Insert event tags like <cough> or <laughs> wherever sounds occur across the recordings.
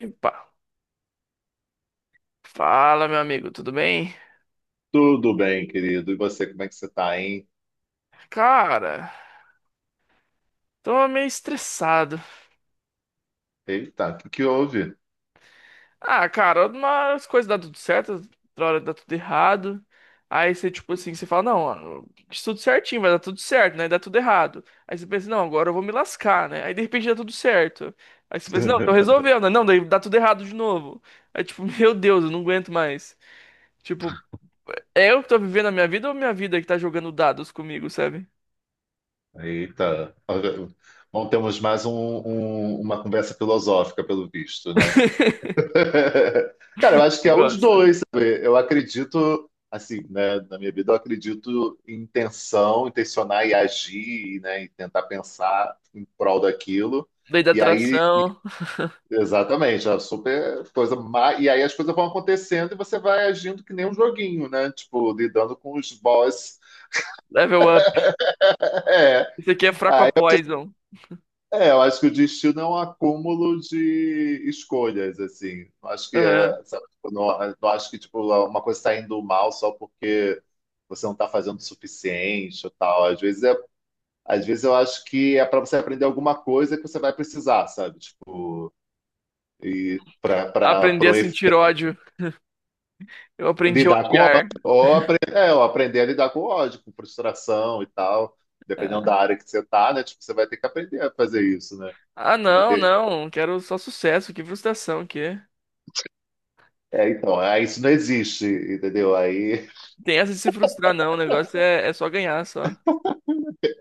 Epa. Fala, meu amigo, tudo bem? Tudo bem, querido. E você, como é que você tá, hein? Cara, tô meio estressado. Eita, o que houve? Ah, cara, umas coisas dá tudo certo, outra hora dá tudo errado. Aí você, tipo assim, você fala, não, ó, isso tudo certinho, vai dar tudo certo, né? Dá tudo errado. Aí você pensa, não, agora eu vou me lascar, né? Aí de repente dá tudo certo. Aí você pensa, não, tô <laughs> resolvendo, né? Não, daí dá tudo errado de novo. Aí tipo, <laughs> meu Deus, eu não aguento mais. Tipo, é eu que tô vivendo a minha vida ou minha vida que tá jogando dados comigo, sabe? Eita. Bom, temos uma conversa filosófica, pelo visto, né? <laughs> <laughs> Cara, eu acho que Você é os gosta. dois, sabe? Eu acredito, assim, né, na minha vida, eu acredito em intenção, intencionar e agir, né, e tentar pensar em prol daquilo. Lei da E aí atração, exatamente, é super coisa má. E aí as coisas vão acontecendo e você vai agindo que nem um joguinho, né? Tipo, lidando com os boss. <laughs> level up. É, Isso aqui é fraco a poison. Eu acho que o destino é um acúmulo de escolhas, assim. Não acho que Aham. é, sabe, tipo, não acho que tipo, uma coisa está indo mal só porque você não está fazendo o suficiente ou tal. Às vezes, às vezes eu acho que é para você aprender alguma coisa que você vai precisar, sabe? Tipo, e para Aprender a sentir ódio. Eu aprendi a lidar com ódio, odiar. Ou aprender a lidar com ódio, com frustração e tal, dependendo da Ah, área que você tá, né? Tipo, você vai ter que aprender a fazer isso, né? ah, Você vai não, ter- não. Quero só sucesso. Que frustração que. É, então, aí isso não existe, entendeu? Aí, Tem essa de se frustrar, não. O negócio é, é só ganhar, só.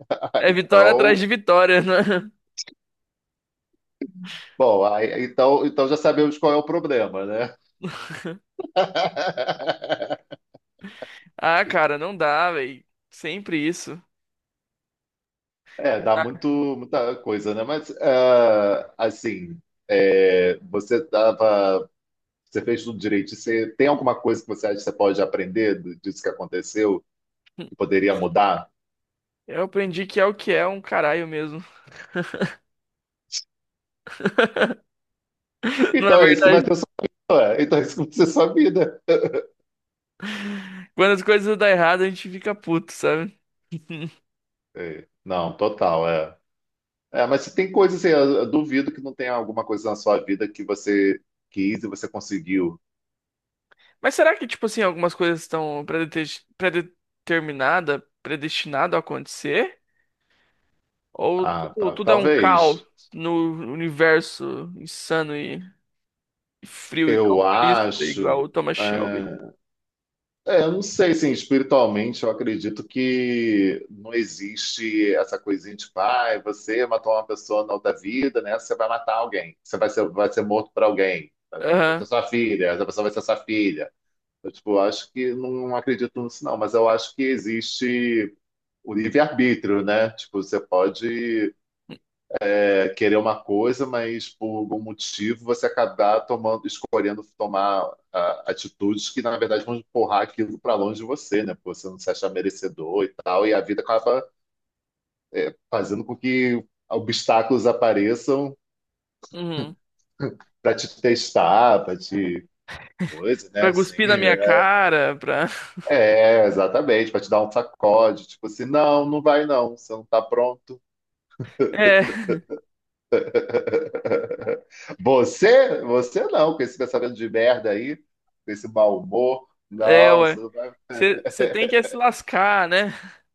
<laughs> É vitória então, atrás de vitória, né? bom, então já sabemos qual é o problema, né? <laughs> <laughs> Ah, cara, não dá, velho. Sempre isso. É, dá Ah, muito, muita coisa, né? Mas, ah, assim, você tava, você fez tudo direito. Você tem alguma coisa que você acha que você pode aprender disso que aconteceu, que poderia mudar? eu aprendi que é o que é um caralho mesmo. <laughs> Não é Então é isso que vai verdade? ser a sua vida. Ué. Então é isso que vai ser a sua vida. Quando as coisas dão errado, a gente fica puto, sabe? <laughs> É. Não, total, é. É, mas se tem coisa assim, eu duvido que não tenha alguma coisa na sua vida que você quis e você conseguiu. Mas será que, tipo assim, algumas coisas estão predeterminada, predestinado a acontecer? Ou Ah, tudo, tudo é um caos talvez. no universo insano e frio e Eu calculista, igual acho. o Thomas Shelby? É, eu não sei, assim, espiritualmente eu acredito que não existe essa coisinha de pai, você matou uma pessoa na outra vida, né? Você vai matar alguém, vai ser morto por alguém, vai ser Aham. sua filha, essa pessoa vai ser sua filha. Eu, tipo, eu acho que não acredito nisso, não, mas eu acho que existe o livre-arbítrio, né? Tipo, você pode querer uma coisa, mas por algum motivo você acabar tomando, escolhendo tomar ah, atitudes que, na verdade, vão empurrar aquilo para longe de você, né? Porque você não se achar merecedor e tal, e a vida acaba fazendo com que obstáculos apareçam Uhum. para te testar, para te coisa, né? Pra Assim, cuspir na minha é, cara, pra. <laughs> É, exatamente, para te dar um sacode, tipo assim, não vai não, você não tá pronto. É, Você não, com esse pensamento de merda aí, com esse mau humor, é, não, ué. você não vai. Você tem que é se lascar, né? <laughs>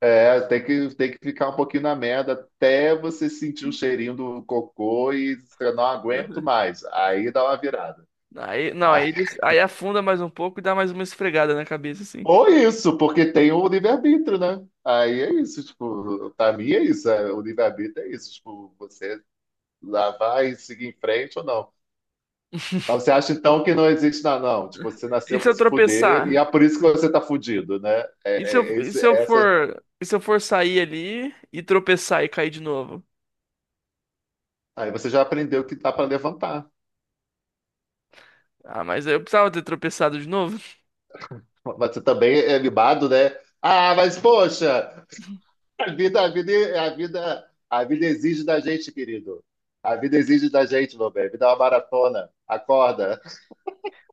É, tem que ficar um pouquinho na merda até você sentir o cheirinho do cocô e você não aguento Uhum. mais. Aí dá uma virada. Aí, não, aí, Aí- aí afunda mais um pouco e dá mais uma esfregada na cabeça, assim. Ou isso, porque tem o livre-arbítrio, né? Aí é isso, tipo, pra mim é isso, é, o livre-arbítrio é isso, tipo, você lá vai seguir em frente ou não. Mas você acha então que não existe nada, não? Tipo, você E nasceu se para eu se fuder e é tropeçar? por isso que você tá fudido, né? E se eu, É essa. E se eu for sair ali e tropeçar e cair de novo? Aí você já aprendeu que dá para levantar. Ah, mas aí eu precisava ter tropeçado de novo. <laughs> Mas você também é libado, né? Ah, mas poxa, a vida, a vida, a vida exige da gente, querido. A vida exige da gente, meu bem. A vida é uma maratona. Acorda.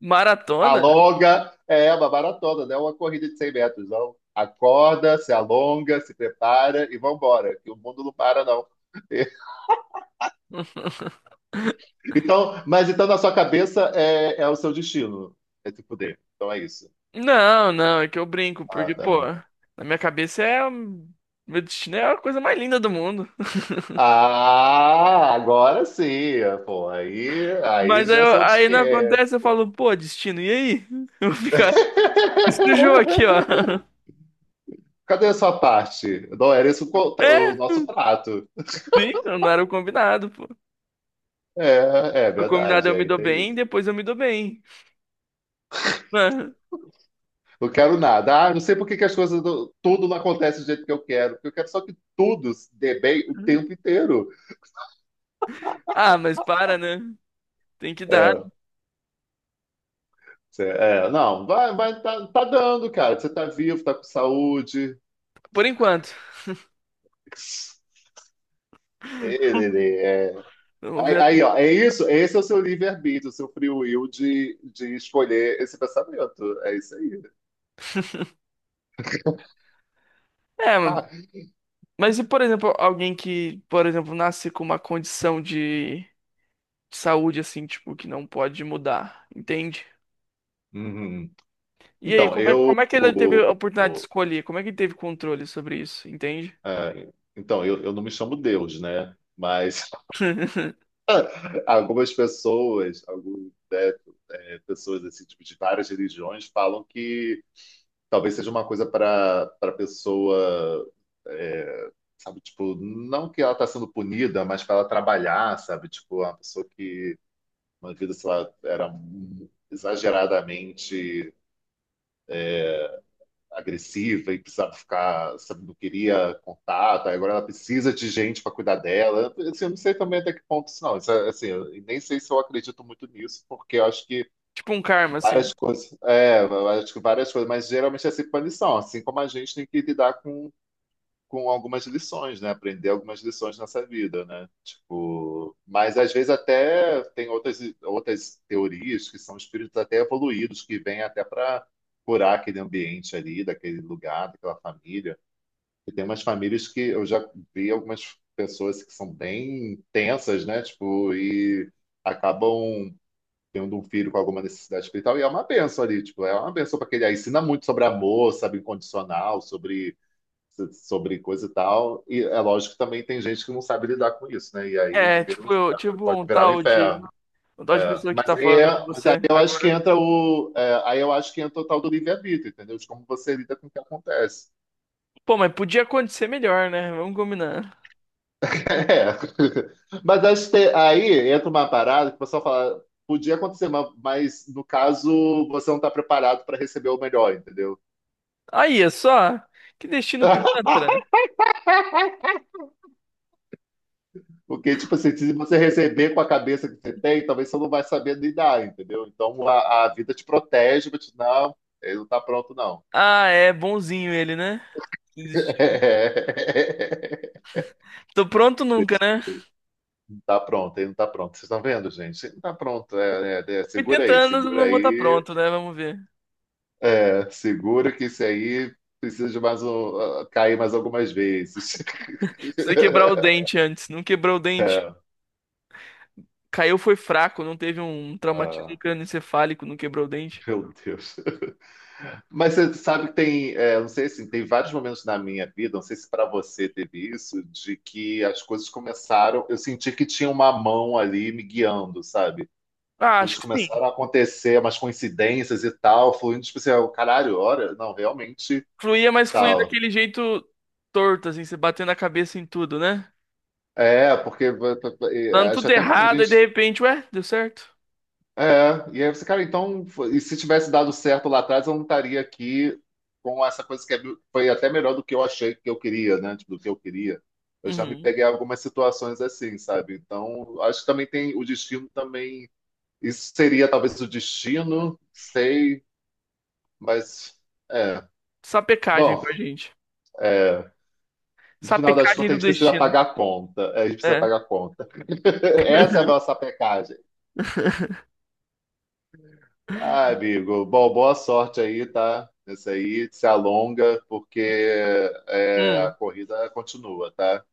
Maratona? Alonga. É uma maratona, não é uma corrida de 100 metros, não. Acorda, se alonga, se prepara e vambora. Que o mundo não para, não. <laughs> <laughs> Então, mas então na sua cabeça é o seu destino, é se fuder. Então é isso. Não, não, é que eu brinco, Ah, porque, tá. pô, na minha cabeça é. Meu destino é a coisa mais linda do mundo. <laughs> Ah, agora sim, pô. Aí Mas aí, já sou de aí não quieto, acontece, eu pô. falo, pô, destino, e aí? <laughs> Eu vou ficar nesse jogo aqui, ó. <laughs> Cadê a sua parte? Não era isso É, o nosso trato. sim, não era o combinado, pô. É, é O combinado é verdade, eu me aí dou tem bem, isso. depois eu me dou bem. <laughs> Não quero nada. Ah, não sei por que que as coisas, tudo não acontece do jeito que eu quero. Porque eu quero só que tudo se dê bem o tempo inteiro. Ah, mas para, né? Tem que dar, É, não, tá dando, cara. Você tá vivo, tá com saúde. por enquanto. Ele é. Vamos ver. <laughs> Ó, é isso. Esse é o seu livre-arbítrio, o seu free will de escolher esse pensamento. É isso aí. <laughs> É, Ah, mas e, por exemplo, alguém que, por exemplo, nasce com uma condição de saúde, assim, tipo, que não pode mudar, entende? uhum. E aí, Então, eu. como é que ele teve O- a oportunidade de o- escolher? Como é que ele teve controle sobre isso, entende? é, então, eu não me chamo Deus, né? Mas <laughs> <laughs> algumas pessoas, algumas, né, é, pessoas assim, tipo, de várias religiões falam que talvez seja uma coisa para pessoa é, sabe tipo não que ela está sendo punida mas para ela trabalhar, sabe, tipo uma pessoa que uma vida, sei lá, era exageradamente agressiva e precisava ficar, sabe, não queria contato. Aí agora ela precisa de gente para cuidar dela. Assim, eu não sei também até que ponto isso, é, assim, eu nem sei se eu acredito muito nisso, porque eu acho que Tipo um karma, várias assim. coisas, é, eu acho que várias coisas, mas geralmente é assim punição, assim como a gente tem que lidar com algumas lições, né? Aprender algumas lições nessa vida, né? Tipo, mas às vezes até tem outras, outras teorias, que são espíritos até evoluídos, que vêm até para curar aquele ambiente ali, daquele lugar, daquela família. E tem umas famílias que eu já vi, algumas pessoas que são bem tensas, né? Tipo, e acabam tendo um filho com alguma necessidade espiritual, e é uma bênção ali, tipo, é uma bênção para aquele. Aí ensina muito sobre amor, sabe, incondicional, sobre coisa e tal. E é lógico que também tem gente que não sabe lidar com isso, né? E aí É, vira um tipo, inferno, tipo pode virar um inferno. um tal de É. pessoa que Mas, tá falando com mas aí você eu acho que agora. entra aí eu acho que entra o tal do livre-arbítrio, entendeu? De como você lida com o que acontece. <laughs> Pô, mas podia acontecer melhor, né? Vamos combinar. É. Mas acho que aí entra uma parada que o pessoal fala. Podia acontecer, mas no caso você não está preparado para receber o melhor, entendeu? Aí, é só. Que destino <laughs> pilantra. Porque, tipo assim, se você receber com a cabeça que você tem, talvez você não vai saber lidar, entendeu? Então a vida te protege, mas não, ele não tá pronto, não. Ah, é bonzinho ele, né? Desistindo. <laughs> Tô pronto nunca, né? Não tá pronto, ele não tá pronto. Vocês estão vendo, gente? Ele não tá pronto. Segura 80 aí, anos eu segura não vou estar aí. pronto, né? Vamos ver. É, segura que isso aí precisa de mais um, ah, cair mais algumas vezes. <laughs> Precisa quebrar o dente antes. Não quebrou o dente. Caiu foi fraco, não teve um traumatismo Ah, crânioencefálico, não quebrou o dente. meu Deus. Mas você sabe que tem, é, não sei se tem vários momentos na minha vida, não sei se para você teve isso, de que as coisas começaram, eu senti que tinha uma mão ali me guiando, sabe? Ah, acho Coisas que sim. começaram a acontecer, umas coincidências e tal, fluindo, tipo assim, ah, caralho, olha, não, realmente Fluía, mas fluía tal. daquele jeito torto, assim, você batendo a cabeça em tudo, né? É, porque Dando acho tudo até porque a errado, e de gente repente, ué, deu certo. é, e aí você, cara, então, e se tivesse dado certo lá atrás, eu não estaria aqui com essa coisa foi até melhor do que eu achei que eu queria, né? Tipo, do que eu queria. Eu já me Uhum. peguei em algumas situações assim, sabe? Então, acho que também tem o destino também. Isso seria talvez o destino, sei, mas é. Sapecagem Bom, pra gente. é, no final das Sapecagem contas, a do gente precisa destino. pagar a conta. É, a gente precisa É. pagar a conta. <laughs> Essa é a nossa <laughs> pecagem. Ah, amigo, bom, boa sorte aí, tá? Esse aí se alonga, porque é, a Hum, corrida continua, tá?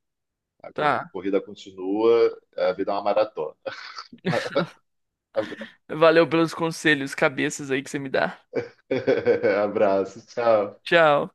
Tá. Corrida continua, a vida é uma maratona. Abra- Valeu pelos conselhos, cabeças aí que você me dá. <laughs> Abraço, tchau. Tchau.